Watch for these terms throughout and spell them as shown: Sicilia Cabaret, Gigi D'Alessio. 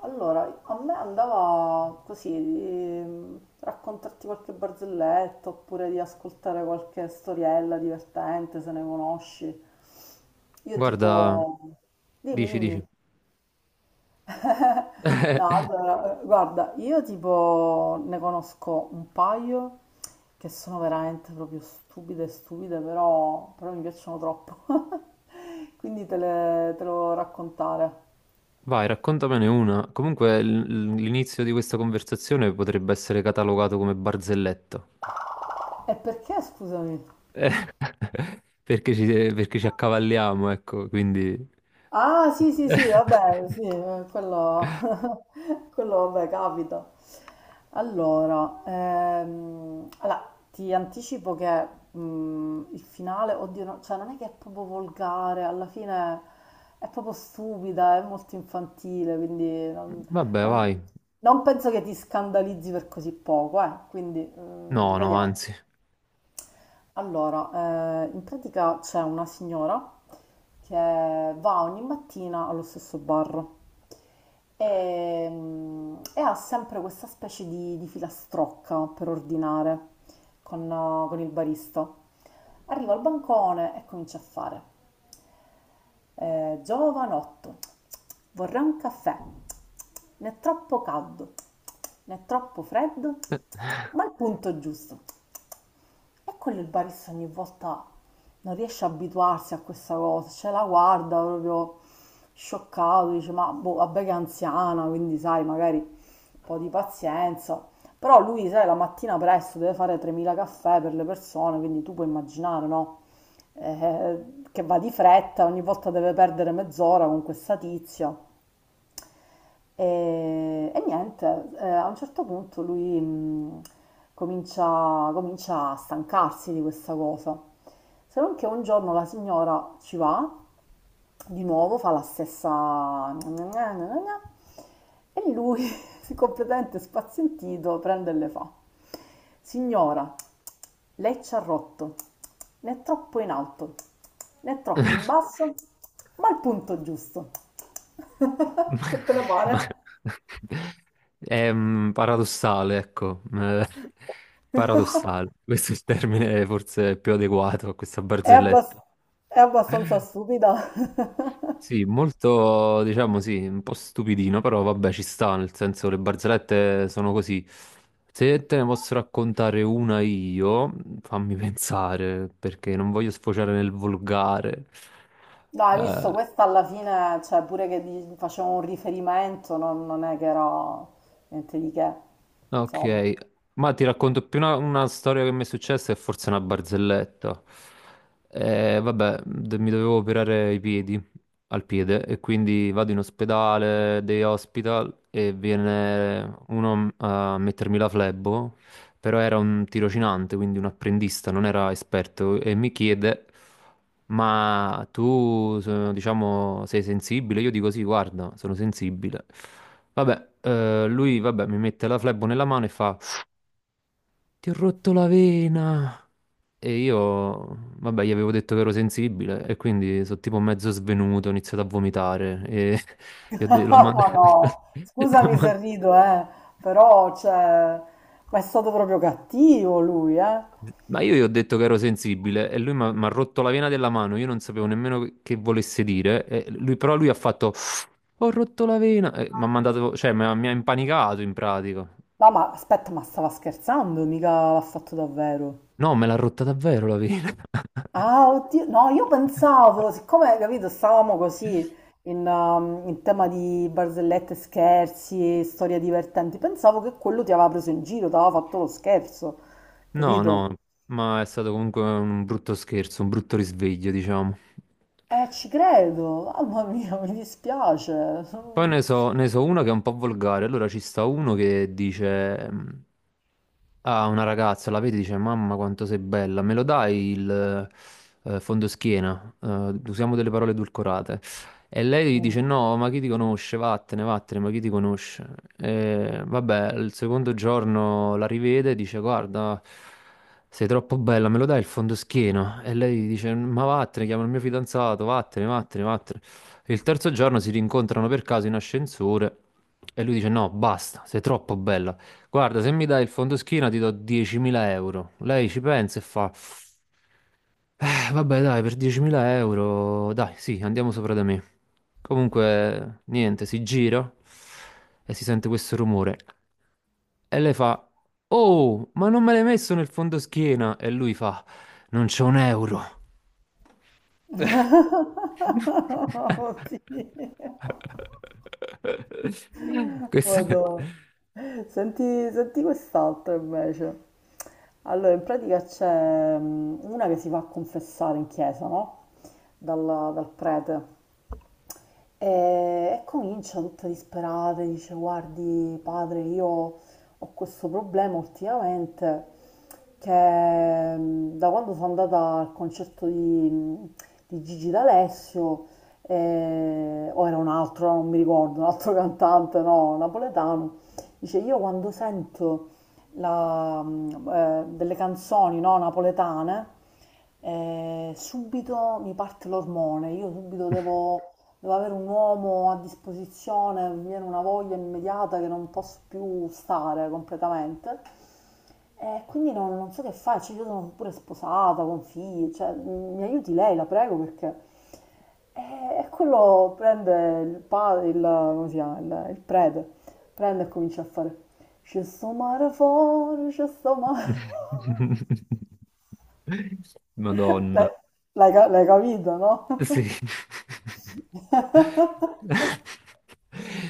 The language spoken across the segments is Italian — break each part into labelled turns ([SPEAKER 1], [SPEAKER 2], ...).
[SPEAKER 1] Allora, a me andava così di raccontarti qualche barzelletta oppure di ascoltare qualche storiella divertente se ne conosci. Io tipo...
[SPEAKER 2] Guarda,
[SPEAKER 1] Dimmi,
[SPEAKER 2] dici,
[SPEAKER 1] dimmi.
[SPEAKER 2] dici.
[SPEAKER 1] No, allora, guarda, io tipo ne conosco un paio che sono veramente proprio stupide, stupide, però mi piacciono troppo. Quindi te le volevo raccontare.
[SPEAKER 2] Vai, raccontamene una. Comunque l'inizio di questa conversazione potrebbe essere catalogato come barzelletto,
[SPEAKER 1] E perché, scusami?
[SPEAKER 2] perché ci, perché ci accavalliamo, ecco, quindi...
[SPEAKER 1] Ah, sì, sì, sì, vabbè, sì, quello, quello, vabbè, capita. Allora, ti anticipo che il finale, oddio, cioè non è che è proprio volgare, alla fine è proprio stupida, è molto infantile, quindi
[SPEAKER 2] Vabbè,
[SPEAKER 1] non-
[SPEAKER 2] vai.
[SPEAKER 1] non penso che ti scandalizzi per così poco, quindi,
[SPEAKER 2] No, no,
[SPEAKER 1] vediamo.
[SPEAKER 2] anzi.
[SPEAKER 1] Allora, in pratica c'è una signora che va ogni mattina allo stesso bar e ha sempre questa specie di filastrocca per ordinare con il barista. Arriva al bancone e comincia a fare: giovanotto, vorrei un caffè, né troppo caldo, né troppo freddo, ma il punto giusto. Eccolo, il barista ogni volta non riesce a abituarsi a questa cosa, cioè la guarda proprio scioccato, dice ma boh, vabbè, che è anziana, quindi sai, magari un po' di pazienza. Però lui, sai, la mattina presto deve fare 3.000 caffè per le persone, quindi tu puoi immaginare, no? Che va di fretta, ogni volta deve perdere mezz'ora con questa tizia. E niente, a un certo punto lui comincia a stancarsi di questa cosa. Se non che un giorno la signora ci va di nuovo, fa la stessa... E lui, completamente spazientito, prende e le fa: Signora, lei ci ha rotto, né troppo in alto, né troppo in basso, ma al punto giusto. Che te ne
[SPEAKER 2] Ma-
[SPEAKER 1] pare?
[SPEAKER 2] È paradossale, ecco. Paradossale. Questo è il termine forse più adeguato a questa
[SPEAKER 1] È
[SPEAKER 2] barzelletta.
[SPEAKER 1] abbas- è abbastanza stupida.
[SPEAKER 2] Sì, molto, diciamo sì, un po' stupidino, però vabbè, ci sta, nel senso le barzellette sono così. Se te ne posso raccontare una io, fammi pensare, perché non voglio sfociare nel volgare.
[SPEAKER 1] No, hai
[SPEAKER 2] Eh,
[SPEAKER 1] visto, questa alla fine, cioè pure che facevo un riferimento, non è che era niente di che, insomma.
[SPEAKER 2] Ok, ma ti racconto più una storia che mi è successa e forse una barzelletta. Vabbè, mi dovevo operare i piedi, al piede, e quindi vado in ospedale, day hospital, e viene uno a mettermi la flebo, però era un tirocinante, quindi un apprendista, non era esperto, e mi chiede, ma tu, diciamo, sei sensibile? Io dico sì, guarda, sono sensibile. Vabbè, lui vabbè, mi mette la flebo nella mano e fa: ti ho rotto la vena. E io, vabbè, gli avevo detto che ero sensibile e quindi sono tipo mezzo svenuto, ho iniziato a vomitare e l'ho
[SPEAKER 1] Ma
[SPEAKER 2] mandato.
[SPEAKER 1] no,
[SPEAKER 2] l'ho
[SPEAKER 1] scusami se
[SPEAKER 2] mand-
[SPEAKER 1] rido, però, cioè, ma è stato proprio cattivo lui, eh.
[SPEAKER 2] Ma io gli ho detto che ero sensibile e lui mi ha rotto la vena della mano, io non sapevo nemmeno che volesse dire, e lui, però lui ha fatto ho rotto la vena, e mi ha mandato, cioè mi ha impanicato in pratica.
[SPEAKER 1] No, ma aspetta, ma stava scherzando, mica l'ha fatto davvero.
[SPEAKER 2] No, me l'ha rotta davvero la vena.
[SPEAKER 1] Ah, oddio, no, io pensavo, siccome, capito, stavamo così in tema di barzellette, scherzi, storie divertenti, pensavo che quello ti aveva preso in giro, ti aveva fatto lo scherzo,
[SPEAKER 2] No,
[SPEAKER 1] capito?
[SPEAKER 2] no, ma è stato comunque un brutto scherzo, un brutto risveglio, diciamo.
[SPEAKER 1] Ci credo, mamma mia, mi dispiace.
[SPEAKER 2] Poi ne so, ne so uno che è un po' volgare. Allora ci sta uno che dice a una ragazza, la vedi, dice: mamma, quanto sei bella, me lo dai il fondoschiena? Usiamo delle parole edulcorate. E lei dice: no, ma chi ti conosce? Vattene, vattene, ma chi ti conosce? E, vabbè, il secondo giorno la rivede e dice: guarda, sei troppo bella, me lo dai il fondoschiena? E lei dice: ma vattene, chiama il mio fidanzato, vattene, vattene, vattene. Il terzo giorno si rincontrano per caso in ascensore e lui dice: no, basta, sei troppo bella. Guarda, se mi dai il fondoschiena ti do 10.000 euro. Lei ci pensa e fa: vabbè, dai, per 10.000 euro, dai, sì, andiamo sopra da me". Comunque, niente, si gira e si sente questo rumore. E lei fa: oh, ma non me l'hai messo nel fondoschiena? E lui fa: non c'è un euro.
[SPEAKER 1] Oddio.
[SPEAKER 2] Questo è...
[SPEAKER 1] Madò. Senti, senti quest'altra invece. Allora, in pratica c'è una che si va a confessare in chiesa, no? Dal prete. E, e comincia tutta disperata, dice: Guardi, padre, io ho questo problema ultimamente che da quando sono andata al concerto di, Gigi D'Alessio, o era un altro, non mi ricordo, un altro cantante, no, napoletano, dice: Io quando sento delle canzoni, no, napoletane, subito mi parte l'ormone, io subito devo avere un uomo a disposizione, mi viene una voglia immediata che non posso più stare completamente. E quindi non so che fare, cioè, io sono pure sposata, con figli, cioè, mi aiuti lei, la prego, perché... E, e quello prende il padre, come si chiama, il prete, prende e comincia a fare... C'è sto mare fuori, c'è sto mare fuori.
[SPEAKER 2] Madonna.
[SPEAKER 1] L'hai l'hai capito, no?
[SPEAKER 2] Sì.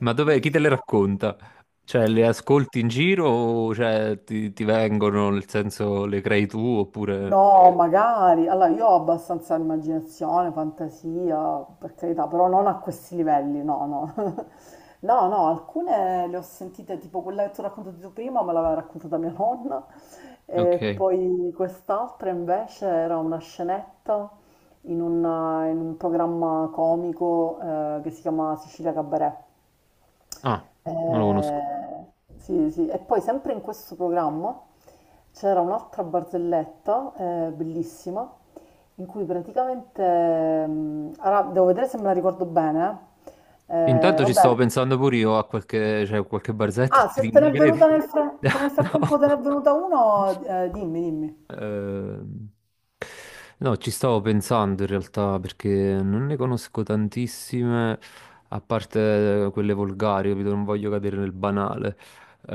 [SPEAKER 2] Ma dov'è? Chi te le racconta? Cioè, le ascolti in giro o cioè, ti vengono, nel senso, le crei tu oppure...
[SPEAKER 1] No, magari. Allora, io ho abbastanza immaginazione, fantasia, per carità, però non a questi livelli, no, no. No, no, alcune le ho sentite, tipo quella che ti ho raccontato tu prima, me l'aveva raccontata mia nonna, e
[SPEAKER 2] Ok.
[SPEAKER 1] poi quest'altra invece era una scenetta in un, in un, programma comico, che si chiama Sicilia Cabaret.
[SPEAKER 2] Ah, non lo conosco.
[SPEAKER 1] Eh, sì, sì. E poi sempre in questo programma c'era un'altra barzelletta, bellissima, in cui praticamente, allora, devo vedere se me la ricordo bene.
[SPEAKER 2] Intanto ci
[SPEAKER 1] Vabbè,
[SPEAKER 2] stavo pensando pure io a qualche, cioè, qualche barzetta,
[SPEAKER 1] ah, se
[SPEAKER 2] ti-
[SPEAKER 1] te
[SPEAKER 2] mi
[SPEAKER 1] n'è
[SPEAKER 2] credi?
[SPEAKER 1] venuta nel, fra- se nel
[SPEAKER 2] No.
[SPEAKER 1] frattempo te n'è venuta una, dimmi, dimmi.
[SPEAKER 2] Ehm, no, ci stavo pensando in realtà perché non ne conosco tantissime, a parte quelle volgari, capito? Non voglio cadere nel banale.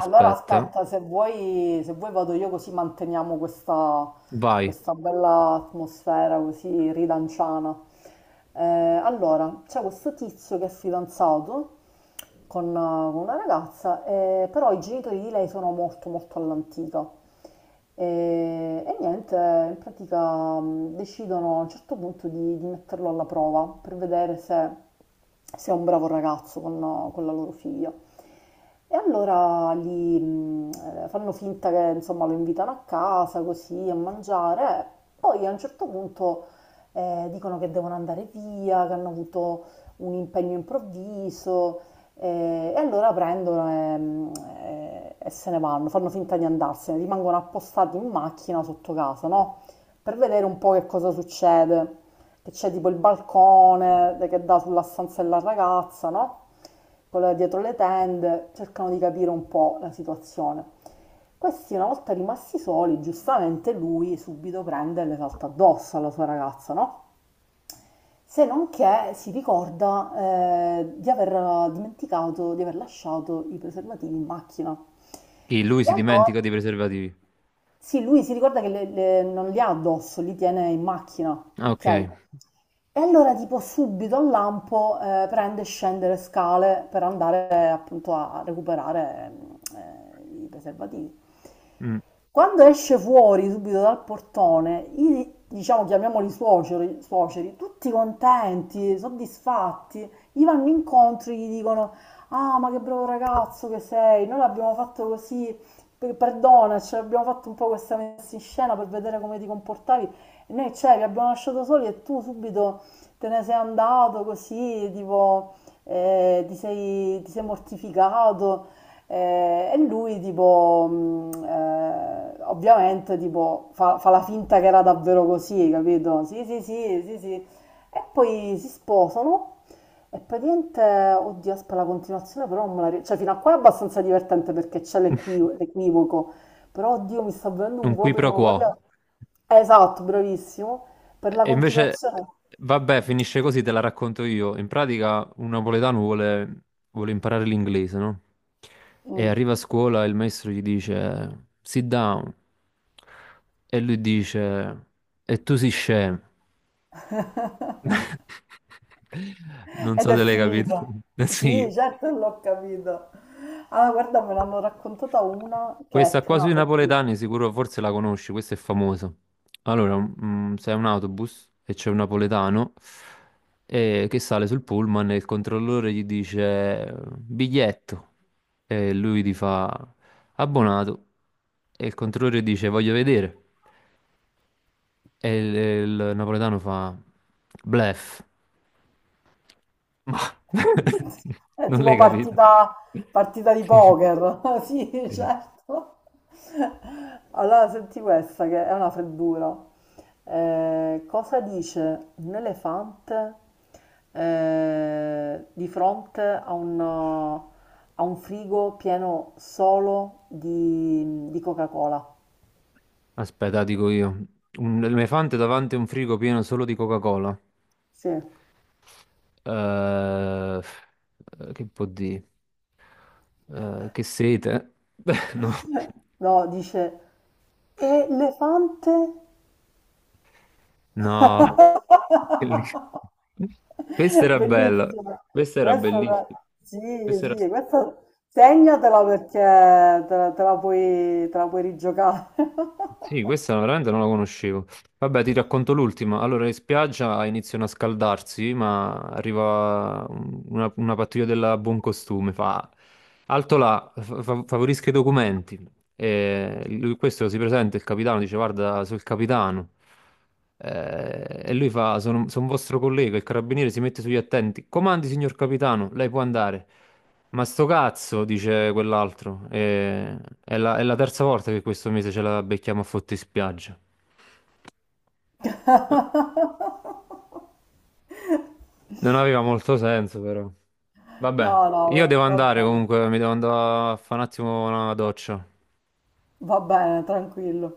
[SPEAKER 1] Allora aspetta, se vuoi vado io, così manteniamo questa,
[SPEAKER 2] vai.
[SPEAKER 1] questa bella atmosfera così ridanciana. Eh, allora, c'è questo tizio che è fidanzato con, con una ragazza, però i genitori di lei sono molto molto all'antica. E, e niente, in pratica decidono a un certo punto di metterlo alla prova per vedere se è un bravo ragazzo con la loro figlia. E allora fanno finta che, insomma, lo invitano a casa così a mangiare, e poi a un certo punto, dicono che devono andare via, che hanno avuto un impegno improvviso, e allora prendono e, e se ne vanno, fanno finta di andarsene, rimangono appostati in macchina sotto casa, no? Per vedere un po' che cosa succede, che c'è tipo il balcone che dà sulla stanza della ragazza, no? Quella dietro le tende, cercano di capire un po' la situazione. Questi, una volta rimasti soli, giustamente lui subito prende e le salta addosso alla sua ragazza, no? Se non che si ricorda, di aver dimenticato di aver lasciato i preservativi in macchina.
[SPEAKER 2] Chi? Lui
[SPEAKER 1] E
[SPEAKER 2] si
[SPEAKER 1] allora...
[SPEAKER 2] dimentica dei preservativi.
[SPEAKER 1] Sì, lui si ricorda che non li ha addosso, li tiene in macchina,
[SPEAKER 2] Ah,
[SPEAKER 1] ok?
[SPEAKER 2] Ok.
[SPEAKER 1] E allora tipo subito al lampo, prende e scende le scale per andare, appunto, a recuperare, i preservativi.
[SPEAKER 2] Mm.
[SPEAKER 1] Quando esce fuori subito dal portone, diciamo, chiamiamoli suoceri, suoceri, tutti contenti, soddisfatti, gli vanno incontro e gli dicono: Ah, ma che bravo ragazzo che sei, noi l'abbiamo fatto così, perdona, cioè, abbiamo fatto un po' questa messa in scena per vedere come ti comportavi. E noi, cioè, vi abbiamo lasciato soli e tu subito te ne sei andato così, tipo, ti sei, mortificato. E lui, tipo, ovviamente, tipo, fa la finta che era davvero così, capito? Sì, sì, sì, sì, sì, e poi si sposano e praticamente, oddio, aspetta la continuazione, però non me la cioè, fino a qua è abbastanza divertente perché c'è l'equivoco, però, oddio, mi sta venendo un
[SPEAKER 2] Un qui
[SPEAKER 1] vuoto di
[SPEAKER 2] pro quo.
[SPEAKER 1] memoria. Esatto, bravissimo. Per la
[SPEAKER 2] E invece,
[SPEAKER 1] continuazione.
[SPEAKER 2] vabbè, finisce così, te la racconto io. In pratica, un napoletano vuole imparare l'inglese, no? E
[SPEAKER 1] Mm.
[SPEAKER 2] arriva a scuola e il maestro gli dice: sit down. E lui dice: e tu sei scemo. Non
[SPEAKER 1] Ed
[SPEAKER 2] so
[SPEAKER 1] è
[SPEAKER 2] se l'hai capito.
[SPEAKER 1] finita. Sì,
[SPEAKER 2] Sì.
[SPEAKER 1] certo, l'ho capito. Allora, guarda, me l'hanno raccontata una che è
[SPEAKER 2] Questa
[SPEAKER 1] più
[SPEAKER 2] qua
[SPEAKER 1] una
[SPEAKER 2] sui
[SPEAKER 1] freddura.
[SPEAKER 2] napoletani sicuro forse la conosci, questa è famosa. Allora, c'è un autobus e c'è un napoletano che sale sul pullman e il controllore gli dice biglietto e lui gli fa abbonato e il controllore dice voglio vedere e il napoletano fa blef. Ma
[SPEAKER 1] È
[SPEAKER 2] non
[SPEAKER 1] tipo
[SPEAKER 2] l'hai capito?
[SPEAKER 1] partita, di poker. Sì,
[SPEAKER 2] Sì.
[SPEAKER 1] certo. Allora, senti questa che è una freddura. Cosa dice un elefante, di fronte a un, frigo pieno solo di Coca-Cola?
[SPEAKER 2] Aspetta, dico io. Un elefante davanti a un frigo pieno solo di Coca-Cola.
[SPEAKER 1] Sì.
[SPEAKER 2] Eh, eh, che può dire? Che sete? Beh, no.
[SPEAKER 1] No, dice: Elefante.
[SPEAKER 2] No. Bellissimo. Questa era bella.
[SPEAKER 1] Bellissima.
[SPEAKER 2] Questa era
[SPEAKER 1] Questa
[SPEAKER 2] bellissima.
[SPEAKER 1] sì,
[SPEAKER 2] Questa era...
[SPEAKER 1] sì, questa segnatela perché te la puoi rigiocare.
[SPEAKER 2] Sì, questa veramente non la conoscevo. Vabbè, ti racconto l'ultima. Allora, in spiaggia iniziano a scaldarsi, ma arriva una pattuglia della buon costume, fa alto là, favorisca i documenti. E lui, questo si presenta, il capitano dice: guarda, sono il capitano. E lui fa: sono, sono vostro collega. Il carabiniere si mette sugli attenti. Comandi, signor capitano, lei può andare. Ma sto cazzo, dice quell'altro. È è la terza volta che questo mese ce la becchiamo a fotti spiaggia. Non aveva molto senso, però.
[SPEAKER 1] No,
[SPEAKER 2] Vabbè,
[SPEAKER 1] no,
[SPEAKER 2] io devo andare comunque, mi devo andare a fare un attimo una doccia.
[SPEAKER 1] va bene, tranquillo.